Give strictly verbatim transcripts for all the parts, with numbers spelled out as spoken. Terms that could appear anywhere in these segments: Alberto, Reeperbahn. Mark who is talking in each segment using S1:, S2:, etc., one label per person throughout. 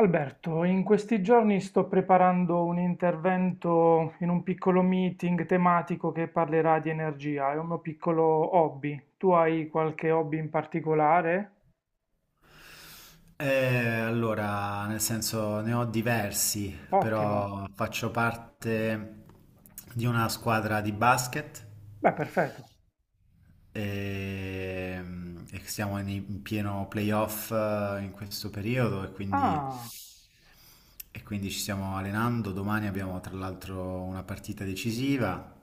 S1: Alberto, in questi giorni sto preparando un intervento in un piccolo meeting tematico che parlerà di energia, è un mio piccolo hobby. Tu hai qualche hobby in particolare?
S2: Eh, allora, nel senso ne ho diversi,
S1: Ottimo,
S2: però faccio parte di una squadra di basket
S1: beh, perfetto.
S2: e, e siamo in, in pieno playoff eh, in questo periodo e quindi,
S1: Ah,
S2: e quindi ci stiamo allenando. Domani abbiamo tra l'altro una partita decisiva.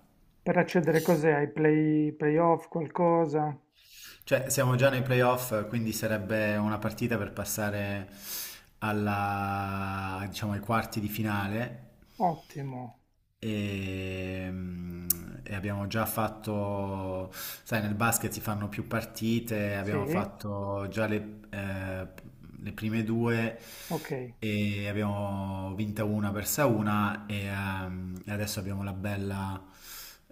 S1: per accedere cos'è? Ai play, playoff, qualcosa?
S2: Cioè, siamo già nei playoff, quindi sarebbe una partita per passare alla, diciamo, ai quarti di finale.
S1: Ottimo,
S2: E, e abbiamo già fatto, sai, nel basket si fanno più partite, abbiamo
S1: sì,
S2: fatto già le, eh, le prime due
S1: ok.
S2: e abbiamo vinta una, persa una e, ehm, e adesso abbiamo la bella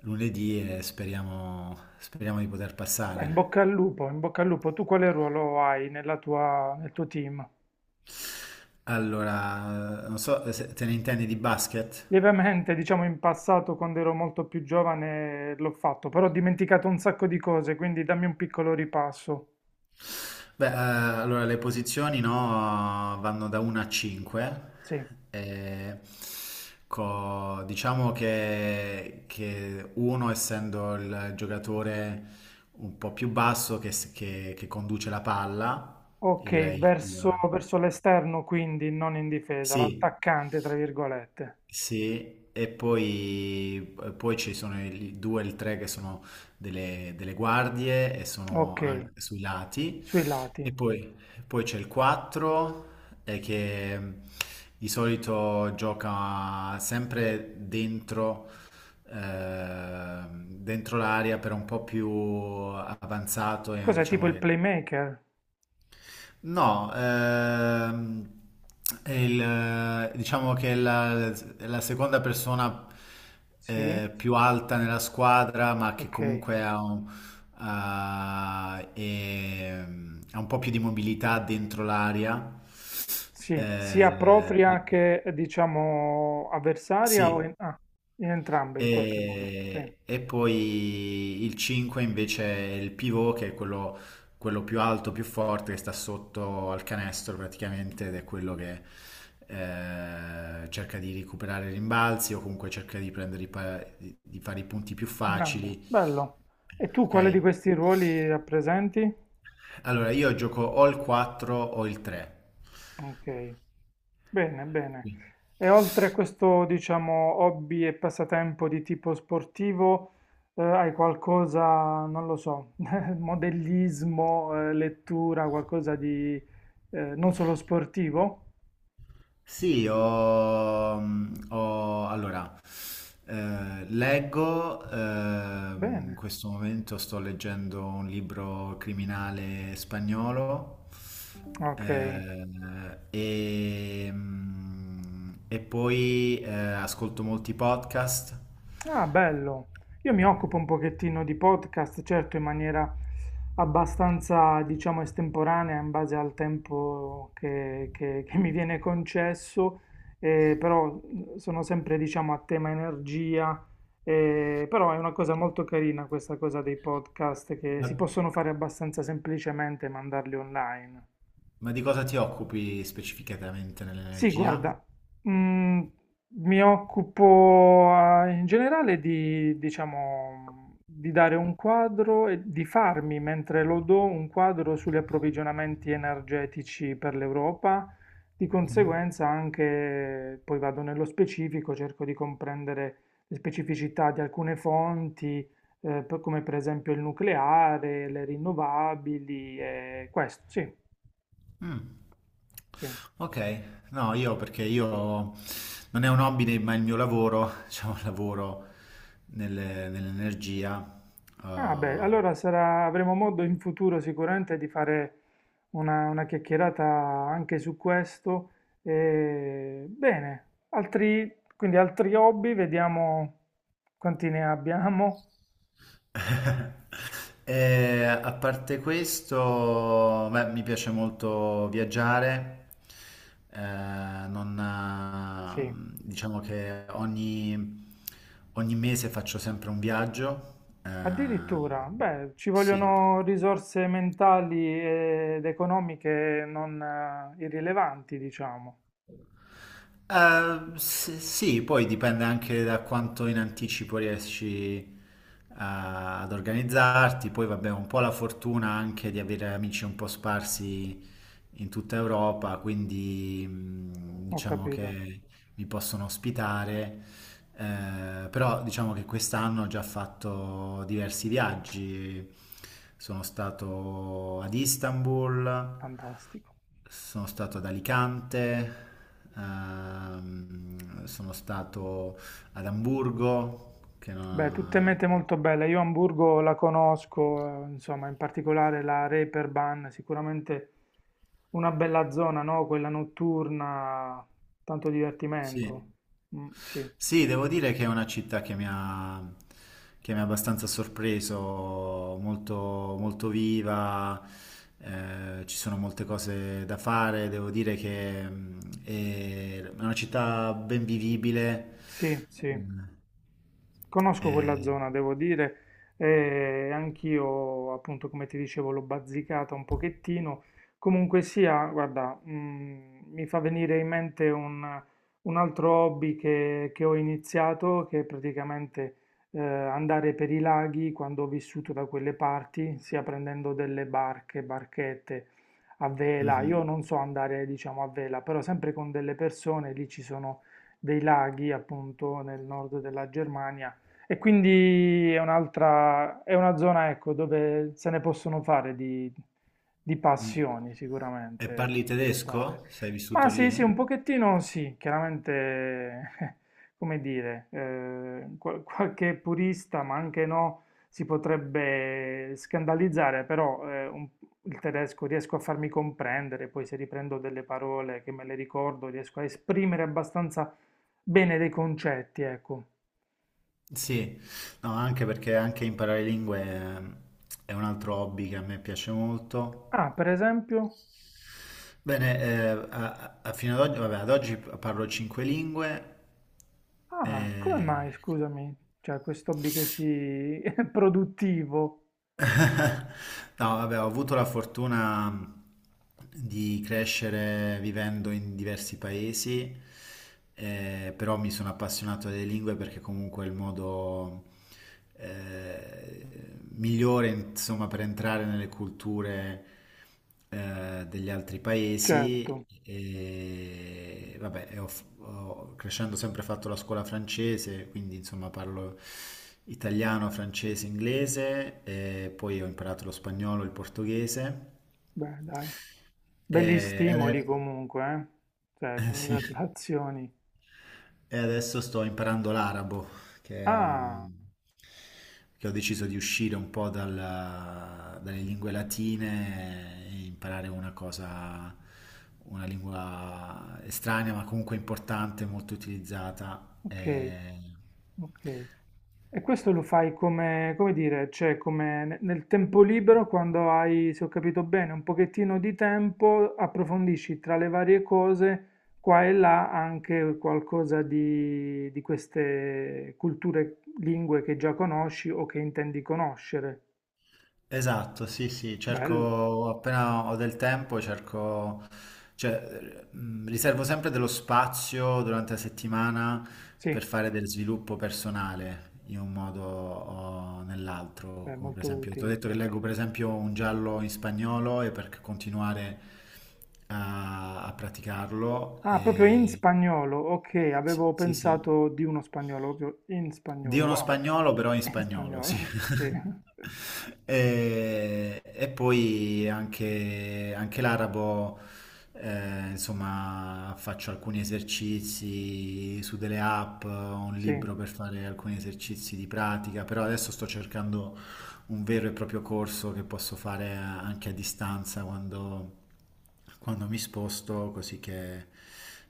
S2: lunedì e speriamo, speriamo di poter
S1: Beh, in
S2: passare.
S1: bocca al lupo, in bocca al lupo. Tu quale ruolo hai nella tua, nel tuo team?
S2: Allora, non so se te ne intendi di basket?
S1: Lievemente, diciamo in passato, quando ero molto più giovane, l'ho fatto, però ho dimenticato un sacco di cose, quindi dammi un piccolo ripasso.
S2: Beh, eh, allora le posizioni no, vanno da uno a cinque.
S1: Sì.
S2: eh, co- diciamo che, che uno, essendo il giocatore un po' più basso che, s- che- che conduce la palla, il,
S1: Ok,
S2: il-
S1: verso,
S2: il-
S1: verso l'esterno, quindi non in difesa,
S2: sì.
S1: l'attaccante, tra virgolette.
S2: Sì, e poi, e poi ci sono i due e il tre che sono delle, delle guardie e sono
S1: Ok,
S2: an- sui lati.
S1: sui lati.
S2: E poi, poi c'è il quattro eh, che di solito gioca sempre dentro, eh, dentro l'area, però un po' più avanzato, e
S1: Cos'è tipo
S2: diciamo
S1: il
S2: che...
S1: playmaker?
S2: No, ehm, è il- diciamo che è la, è la seconda persona
S1: Sì,
S2: eh, più alta nella squadra, ma che
S1: ok.
S2: comunque ha un, ha- è- ha un po' più di mobilità dentro l'area.
S1: Sì, sia
S2: Eh,
S1: propria che diciamo avversaria o
S2: sì,
S1: in, ah, in entrambe in qualche modo. Sì,
S2: e, e poi il cinque invece è il pivot, che è quello, quello più alto, più forte, che sta sotto al canestro praticamente, ed è quello che eh, cerca di recuperare i rimbalzi o comunque cerca di prendere i pa- di di fare i punti più
S1: grande,
S2: facili.
S1: bello. E tu
S2: Ok?
S1: quale di questi ruoli rappresenti?
S2: Allora, io gioco o il quattro o il tre.
S1: Ok, bene, bene. E oltre a questo, diciamo, hobby e passatempo di tipo sportivo, eh, hai qualcosa, non lo so, modellismo, eh, lettura, qualcosa di eh, non solo sportivo?
S2: Sì, ho, mm, ho- allora, eh, leggo, ehm, in
S1: Bene,
S2: questo momento sto leggendo un libro criminale spagnolo
S1: ok.
S2: eh, e, mm, e poi eh, ascolto molti podcast.
S1: Ah, bello. Io mi occupo un pochettino di podcast, certo in maniera abbastanza, diciamo, estemporanea in base al tempo che, che- che mi viene concesso, eh, però mh, sono sempre, diciamo, a tema energia, eh, però è una cosa molto carina questa cosa dei podcast che
S2: Ma,
S1: si possono fare abbastanza semplicemente e mandarli online.
S2: ma di cosa ti occupi specificatamente
S1: Sì,
S2: nell'energia?
S1: guarda, mm, mi occupo eh, in generale di, diciamo, di dare un quadro e di farmi, mentre lo do, un quadro sugli approvvigionamenti energetici per l'Europa. Di conseguenza anche, poi vado nello specifico, cerco di comprendere le specificità di alcune fonti, eh, per- come per esempio il nucleare, le rinnovabili e questo, sì,
S2: Mm.
S1: sì.
S2: Ok, no, io perché io non è un hobby, ne- ma il mio lavoro, diciamo, lavoro nelle- nell'energia.
S1: Ah beh,
S2: Eh.
S1: allora sarà- avremo modo in futuro sicuramente di fare una, una chiacchierata anche su questo. E, bene, altri, quindi altri hobby, vediamo quanti ne abbiamo.
S2: E a parte questo, beh, mi piace molto viaggiare. Eh, non,
S1: Sì,
S2: eh, Diciamo che ogni, ogni mese faccio sempre un viaggio. Eh,
S1: addirittura, beh, ci
S2: sì.
S1: vogliono risorse mentali ed economiche non eh, irrilevanti, diciamo.
S2: Eh, s- sì, poi dipende anche da quanto in anticipo riesci a- ad organizzarti, poi vabbè, un po' la fortuna anche di avere amici un po' sparsi in tutta Europa, quindi mh,
S1: Ho
S2: diciamo
S1: capito,
S2: che mi possono ospitare eh, però diciamo che quest'anno ho già fatto diversi viaggi. Sono stato ad Istanbul,
S1: fantastico.
S2: sono stato ad Alicante, ehm, sono stato ad Amburgo, che
S1: Beh, tutte
S2: non...
S1: mete molto belle. Io Hamburgo la conosco, eh, insomma, in particolare la Reeperbahn, sicuramente una bella zona, no? Quella notturna, tanto divertimento.
S2: Sì.
S1: Mm, sì,
S2: Sì, devo dire che è una città che mi ha, che mi ha abbastanza sorpreso, molto, molto viva, eh, ci sono molte cose da fare, devo dire che mm, è una città ben vivibile.
S1: sì, sì.
S2: Eh,
S1: Conosco quella
S2: eh,
S1: zona, devo dire, e anch'io, appunto, come ti dicevo, l'ho bazzicata un pochettino. Comunque sia, guarda, mm, mi fa venire in mente un, un altro hobby che, che ho iniziato, che è praticamente eh, andare per i laghi quando ho vissuto da quelle parti, sia prendendo delle barche, barchette a vela. Io
S2: mhm,
S1: non so andare, diciamo, a vela, però sempre con delle persone, lì ci sono dei laghi, appunto, nel nord della Germania e quindi è un'altra, è una zona, ecco, dove se ne possono fare di, di
S2: mm.
S1: passioni
S2: E
S1: sicuramente
S2: parli
S1: sviluppare.
S2: tedesco? Sei
S1: Ma
S2: vissuto
S1: sì, sì,
S2: lì?
S1: un pochettino sì, chiaramente, come dire, eh, qual- qualche purista, ma anche no, si potrebbe scandalizzare, però eh, un- il tedesco riesco a farmi comprendere, poi se riprendo delle parole che me le ricordo, riesco a esprimere abbastanza bene dei concetti, ecco.
S2: Sì, no, anche perché anche imparare lingue eh, è un altro hobby che a me piace molto.
S1: Ah, per esempio?
S2: Bene, eh, a- a- fino ad oggi, vabbè, ad oggi parlo cinque lingue.
S1: Ah, come
S2: eh,
S1: mai, scusami, cioè questo hobby così produttivo?
S2: No, vabbè, ho avuto la fortuna di crescere vivendo in diversi paesi, eh, però mi sono appassionato alle lingue perché comunque è il modo eh, migliore, insomma, per entrare nelle culture eh, degli altri
S1: Certo,
S2: paesi e vabbè, e ho, f- ho- crescendo ho sempre fatto la scuola francese, quindi insomma parlo italiano, francese, inglese e poi ho imparato lo spagnolo, il portoghese
S1: beh, dai, belli
S2: e
S1: stimoli
S2: adesso...
S1: comunque, eh? Cioè,
S2: Eh, sì.
S1: congratulazioni.
S2: E adesso sto imparando l'arabo, che è
S1: Ah,
S2: un- che ho deciso di uscire un po' dalla- dalle lingue latine e imparare una cosa, una lingua estranea, ma comunque importante, molto utilizzata.
S1: ok,
S2: E...
S1: ok. E questo lo fai come, come dire, cioè come ne- nel tempo libero, quando hai, se ho capito bene, un pochettino di tempo, approfondisci tra le varie cose, qua e là, anche qualcosa di, di queste culture, lingue che già conosci o che intendi conoscere.
S2: Esatto, sì, sì,
S1: Bello,
S2: cerco appena ho del tempo, cerco, cioè, mh, riservo sempre dello spazio durante la settimana
S1: sì,
S2: per fare del sviluppo personale in un modo o nell'altro,
S1: beh,
S2: come per
S1: molto
S2: esempio, ti ho
S1: utile.
S2: detto che leggo per esempio un giallo in spagnolo e per continuare a, a praticarlo.
S1: Ah, proprio in
S2: E...
S1: spagnolo, ok,
S2: Sì,
S1: avevo
S2: sì, sì.
S1: pensato di uno spagnolo, proprio in
S2: Di
S1: spagnolo,
S2: uno
S1: wow,
S2: spagnolo, però in
S1: in
S2: spagnolo, sì.
S1: spagnolo, sì,
S2: E, e poi anche, anche l'arabo, eh, insomma, faccio alcuni esercizi su delle app, ho un
S1: sì.
S2: libro per fare alcuni esercizi di pratica, però adesso sto cercando un vero e proprio corso che posso fare a- anche a distanza quando, quando mi sposto, così che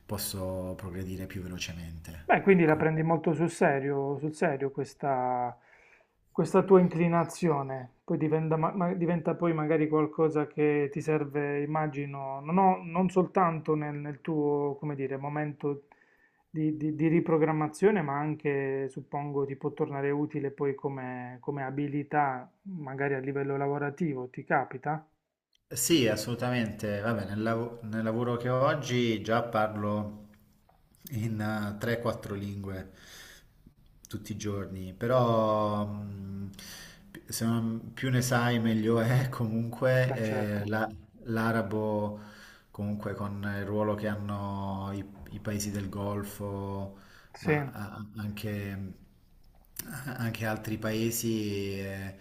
S2: posso progredire più velocemente.
S1: Beh, quindi la
S2: Ecco.
S1: prendi molto sul serio, sul serio questa, questa tua inclinazione, poi diventa, ma- ma- diventa poi magari qualcosa che ti serve, immagino, non, ho- non soltanto nel, nel tuo, come dire, momento di, di- di riprogrammazione, ma anche, suppongo, ti può tornare utile poi come, come abilità, magari a livello lavorativo, ti capita?
S2: Sì, assolutamente. Vabbè, nel, lav- nel lavoro che ho oggi già parlo in eh, tre quattro lingue tutti i giorni, però mh, pi- se non- più ne sai meglio è.
S1: Beh,
S2: Comunque eh,
S1: certo,
S2: la- l'arabo, comunque con il ruolo che hanno i, i paesi del Golfo,
S1: sì,
S2: ma a- anche, eh, anche altri paesi eh,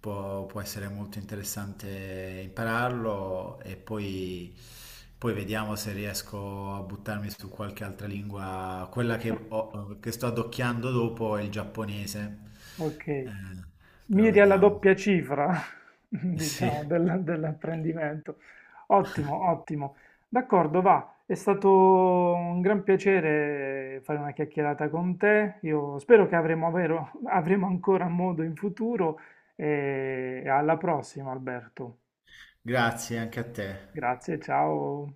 S2: può, può essere molto interessante impararlo e poi, poi vediamo se riesco a buttarmi su qualche altra lingua. Quella che, ho- che sto adocchiando dopo è il giapponese.
S1: ok.
S2: Eh, però
S1: Miri alla
S2: vediamo.
S1: doppia cifra,
S2: Sì,
S1: diciamo, del- dell'apprendimento. Ottimo, ottimo. D'accordo, va. È stato un gran piacere fare una chiacchierata con te. Io spero che avremo, avvero- avremo ancora modo in futuro e alla prossima, Alberto.
S2: grazie anche a te.
S1: Grazie, ciao.